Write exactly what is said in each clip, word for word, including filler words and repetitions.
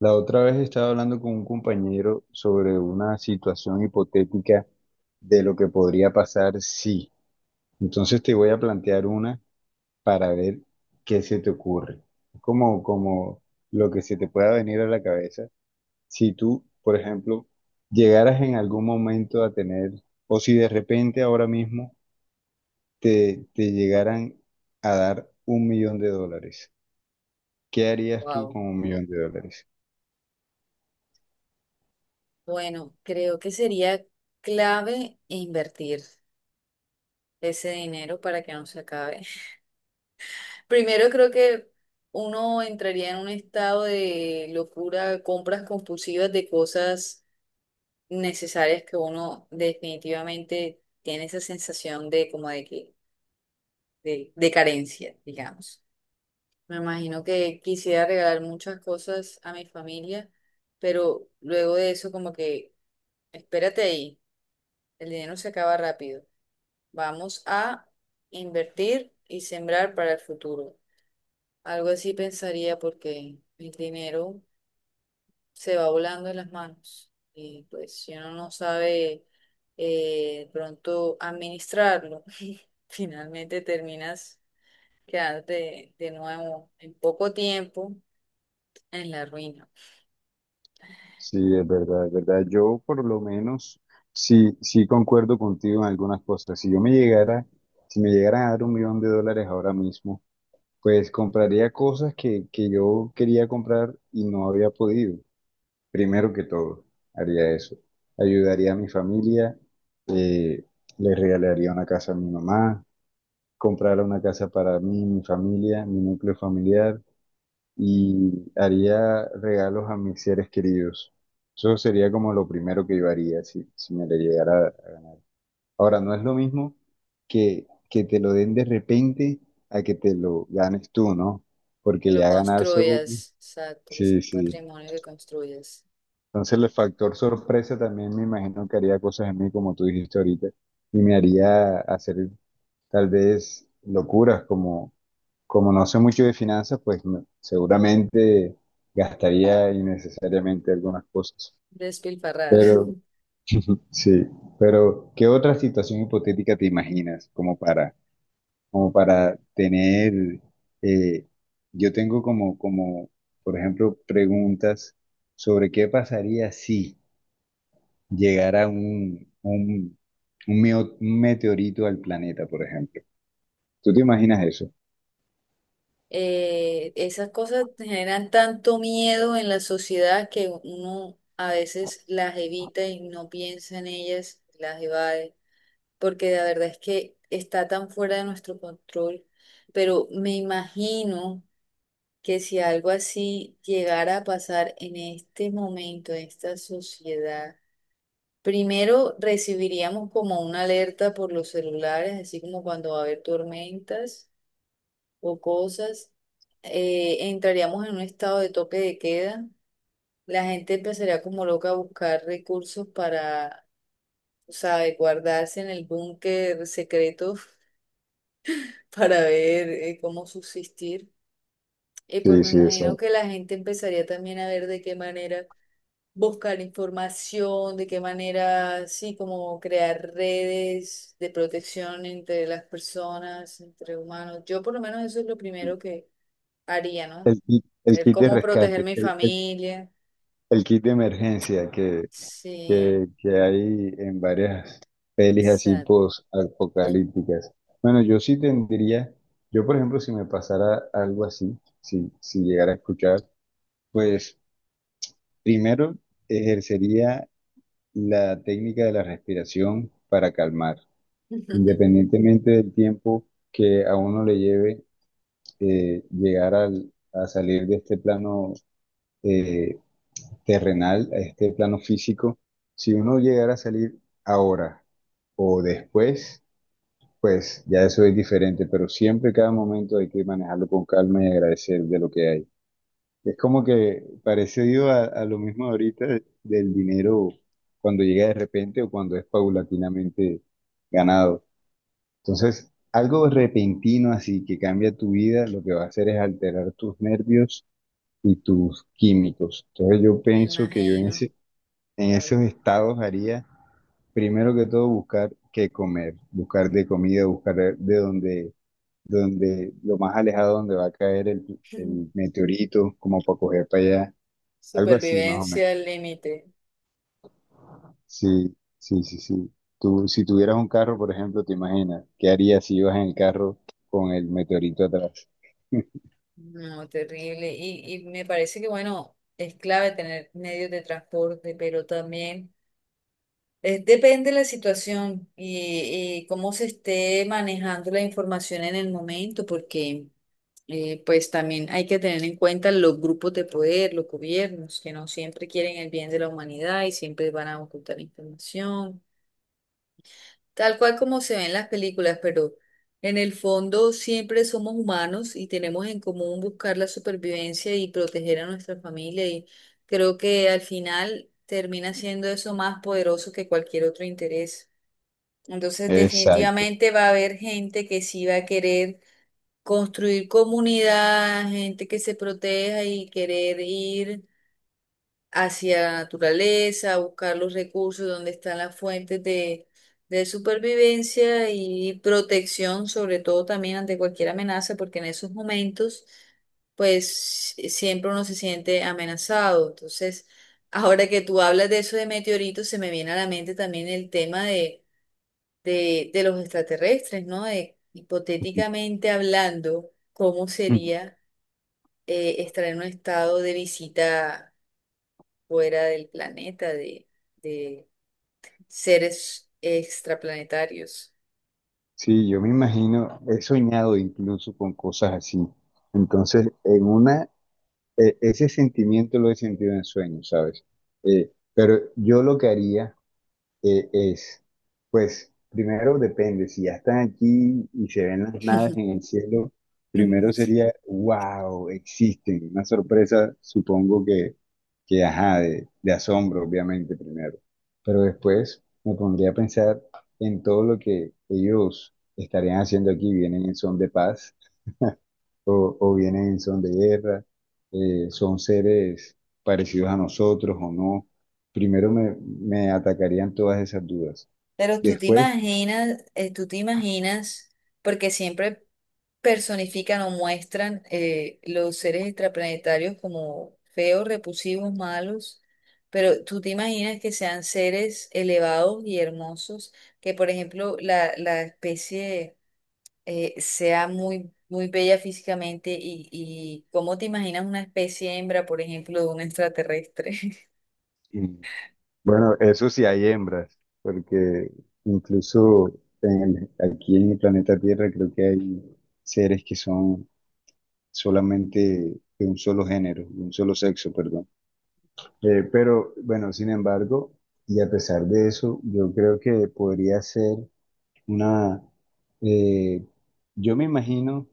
La otra vez estaba hablando con un compañero sobre una situación hipotética de lo que podría pasar si. Entonces te voy a plantear una para ver qué se te ocurre. Como, como lo que se te pueda venir a la cabeza. Si tú, por ejemplo, llegaras en algún momento a tener, o si de repente ahora mismo te, te llegaran a dar un millón de dólares, ¿qué harías tú Wow. con un millón de dólares? Bueno, creo que sería clave invertir ese dinero para que no se acabe. Primero creo que uno entraría en un estado de locura, compras compulsivas de cosas necesarias que uno definitivamente tiene esa sensación de como de que de, de carencia, digamos. Me imagino que quisiera regalar muchas cosas a mi familia, pero luego de eso como que espérate ahí. El dinero se acaba rápido. Vamos a invertir y sembrar para el futuro. Algo así pensaría porque el dinero se va volando en las manos y pues si uno no sabe eh, pronto administrarlo, finalmente terminas quedándote de nuevo en poco tiempo en la ruina. Sí, es verdad, es verdad. Yo por lo menos sí, sí concuerdo contigo en algunas cosas. Si yo me llegara, si me llegara a dar un millón de dólares ahora mismo, pues compraría cosas que, que yo quería comprar y no había podido. Primero que todo, haría eso. Ayudaría a mi familia, eh, le regalaría una casa a mi mamá, comprara una casa para mí, mi familia, mi núcleo familiar y haría regalos a mis seres queridos. Eso sería como lo primero que yo haría si, si me le llegara. Ahora, no es lo mismo que, que te lo den de repente a que te lo ganes tú, ¿no? Que Porque lo ya ganarse un- construyas, exacto, que es sí, un sí. patrimonio que construyas. Entonces el factor sorpresa también me imagino que haría cosas en mí, como tú dijiste ahorita, y me haría hacer tal vez locuras como como no sé mucho de finanzas, pues me- seguramente gastaría innecesariamente algunas cosas. Despilfarrar. Pero sí, pero ¿qué otra situación hipotética te imaginas como para, como para tener, eh, yo tengo como, como, por ejemplo, preguntas sobre qué pasaría si llegara un, un, un meo- un meteorito al planeta, por ejemplo. ¿Tú te imaginas eso? Eh, esas cosas generan tanto miedo en la sociedad que uno a veces las evita y no piensa en ellas, las evade, porque la verdad es que está tan fuera de nuestro control. Pero me imagino que si algo así llegara a pasar en este momento, en esta sociedad, primero recibiríamos como una alerta por los celulares, así como cuando va a haber tormentas o cosas, eh, entraríamos en un estado de toque de queda. La gente empezaría como loca a buscar recursos para, o sea, de guardarse en el búnker secreto para ver eh, cómo subsistir. Y pues Sí, me sí, imagino exacto. que la gente empezaría también a ver de qué manera buscar información, de qué manera, sí, como crear redes de protección entre las personas, entre humanos. Yo por lo menos eso es lo primero que haría, ¿no? El kit, el El kit de cómo proteger rescate, mi el, el familia. El kit de emergencia que, Sí, que, que hay en varias pelis así exacto. post-apocalípticas. Bueno, yo sí tendría, yo por ejemplo, si me pasara algo así, si, si llegara a escuchar, pues primero ejercería la técnica de la respiración para calmar, independientemente del tiempo que a uno le lleve eh, llegar al- a salir de este plano eh, terrenal, a este plano físico, si uno llegara a salir ahora o después, pues ya eso es diferente, pero siempre cada momento hay que manejarlo con calma y agradecer de lo que hay. Es como que parecido a, a lo mismo ahorita del dinero cuando llega de repente o cuando es paulatinamente ganado. Entonces, algo repentino así que cambia tu vida, lo que va a hacer es alterar tus nervios y tus químicos. Entonces yo Me pienso que yo en imagino, ese en claro. esos estados haría, primero que todo, buscar qué comer, buscar de comida, buscar de donde, donde, lo más alejado donde va a caer el, el meteorito, como para coger para allá, algo así más o menos. Supervivencia al límite. Sí, sí, sí, sí. Tú, si tuvieras un carro, por ejemplo, te imaginas, ¿qué harías si ibas en el carro con el meteorito atrás? No, terrible. Y, y me parece que, bueno, es clave tener medios de transporte, pero también eh, depende de la situación y, y cómo se esté manejando la información en el momento, porque eh, pues también hay que tener en cuenta los grupos de poder, los gobiernos, que no siempre quieren el bien de la humanidad y siempre van a ocultar información. Tal cual como se ve en las películas, pero en el fondo siempre somos humanos y tenemos en común buscar la supervivencia y proteger a nuestra familia y creo que al final termina siendo eso más poderoso que cualquier otro interés. Entonces Exacto. definitivamente va a haber gente que sí va a querer construir comunidad, gente que se proteja y querer ir hacia la naturaleza, buscar los recursos donde están las fuentes de, de supervivencia y protección, sobre todo también ante cualquier amenaza, porque en esos momentos, pues e, siempre uno se siente amenazado. Entonces, ahora que tú hablas de eso de meteoritos, se me viene a la mente también el tema de, de, de los extraterrestres, ¿no? De, hipotéticamente hablando, ¿cómo sería eh, estar en un estado de visita fuera del planeta, de, de seres extraplanetarios? Sí, yo me imagino, he soñado incluso con cosas así. Entonces, en una, e- ese sentimiento lo he sentido en sueños, ¿sabes? Eh, pero yo lo que haría eh, es, pues, primero depende, si ya están aquí y se ven las naves en el cielo, primero sería, wow, existen, una sorpresa, supongo que, que ajá, de, de asombro, obviamente, primero. Pero después me pondría a pensar en todo lo que ellos estarían haciendo aquí, vienen en son de paz o, o vienen en son de guerra, eh, son seres parecidos a nosotros o no. Primero me, me atacarían todas esas dudas. Pero tú te Después, imaginas, eh, tú te imaginas, porque siempre personifican o muestran eh, los seres extraplanetarios como feos, repulsivos, malos, pero tú te imaginas que sean seres elevados y hermosos, que por ejemplo la, la especie eh, sea muy, muy bella físicamente y, y cómo te imaginas una especie hembra, por ejemplo, de un extraterrestre. mm, bueno, eso sí hay hembras, porque incluso en el- aquí en el planeta Tierra creo que hay seres que son solamente de un solo género, de un solo sexo, perdón. Eh, pero bueno, sin embargo, y a pesar de eso, yo creo que podría ser una, eh, yo me imagino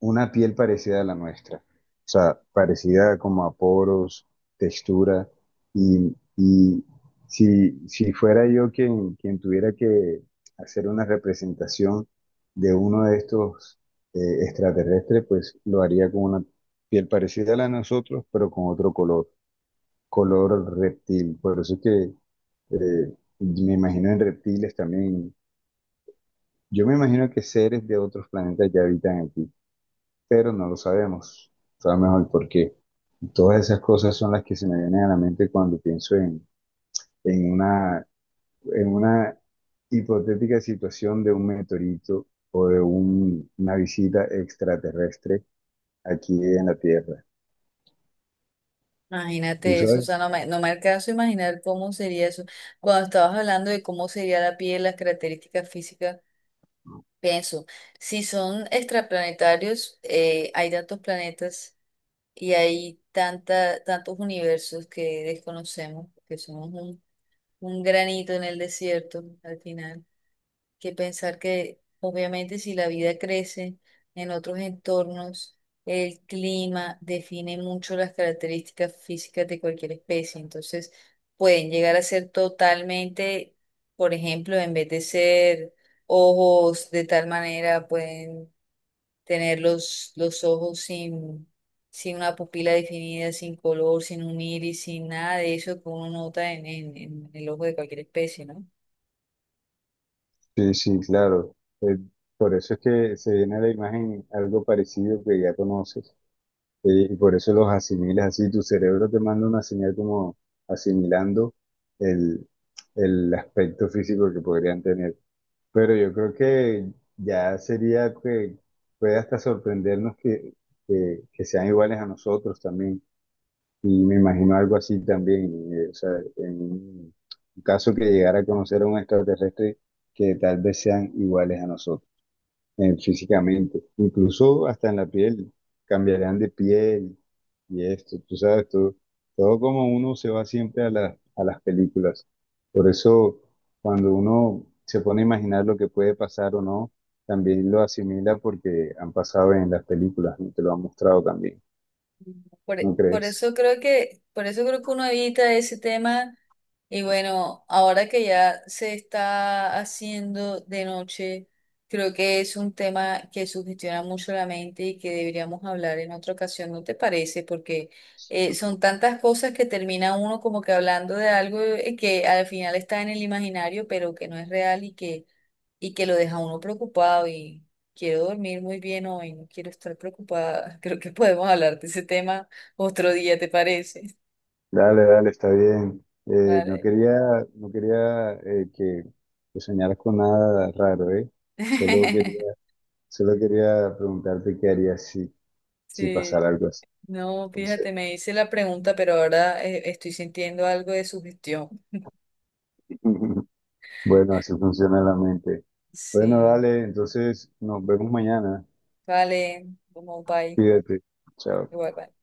una piel parecida a la nuestra, o sea, parecida como a poros, textura, y, y si, si fuera yo quien, quien tuviera que hacer una representación de uno de estos eh, extraterrestres, pues lo haría con una piel parecida a la de nosotros, pero con otro color, color reptil. Por eso es que eh, me imagino en reptiles también, yo me imagino que seres de otros planetas ya habitan aquí, pero no lo sabemos. Sabemos mejor por qué. Todas esas cosas son las que se me vienen a la mente cuando pienso en, en una, en una hipotética situación de un meteorito o de un- una visita extraterrestre aquí en la Tierra. ¿Tú Imagínate eso, o sabes? sea, no me, no me alcanzo a imaginar cómo sería eso. Cuando estabas hablando de cómo sería la piel, las características físicas, pienso, si son extraplanetarios, eh, hay tantos planetas y hay tanta, tantos universos que desconocemos, que somos un, un granito en el desierto al final. Que pensar que obviamente si la vida crece en otros entornos, el clima define mucho las características físicas de cualquier especie. Entonces, pueden llegar a ser totalmente, por ejemplo, en vez de ser ojos de tal manera, pueden tener los, los ojos sin sin una pupila definida, sin color, sin un iris, sin nada de eso que uno nota en, en en el ojo de cualquier especie, ¿no? Sí, sí, claro. Eh, por eso es que se viene a la imagen algo parecido que ya conoces. Sí, y por eso los asimilas así, tu cerebro te manda una señal como asimilando el, el aspecto físico que podrían tener. Pero yo creo que ya sería que puede hasta sorprendernos que, que, que sean iguales a nosotros también. Y me imagino algo así también. Eh, o sea, en un caso que llegara a conocer a un extraterrestre que tal vez sean iguales a nosotros eh, físicamente, incluso hasta en la piel, cambiarán de piel y esto, tú sabes, todo, todo como uno se va siempre a la- a las películas. Por eso, cuando uno se pone a imaginar lo que puede pasar o no, también lo asimila porque han pasado en las películas, ¿no? Te lo han mostrado también, Por, ¿no por crees? eso creo que, por eso creo que uno evita ese tema. Y bueno, ahora que ya se está haciendo de noche, creo que es un tema que sugestiona mucho la mente y que deberíamos hablar en otra ocasión, ¿no te parece? Porque eh, son tantas cosas que termina uno como que hablando de algo eh, que al final está en el imaginario, pero que no es real y que y que lo deja uno preocupado y quiero dormir muy bien hoy, no quiero estar preocupada. Creo que podemos hablar de ese tema otro día, ¿te parece? Dale, dale, está bien. Eh, no Vale. quería, no quería eh, que, que soñaras con nada raro, ¿eh? Solo quería solo quería preguntarte qué harías si, si pasara Sí, algo así. no, Entonces, fíjate, me hice la pregunta, pero ahora eh, estoy sintiendo algo de sugestión. bueno, así funciona la mente. Bueno, Sí, dale, entonces nos vemos mañana. vale, como bye, Cuídate. Chao. igual bye.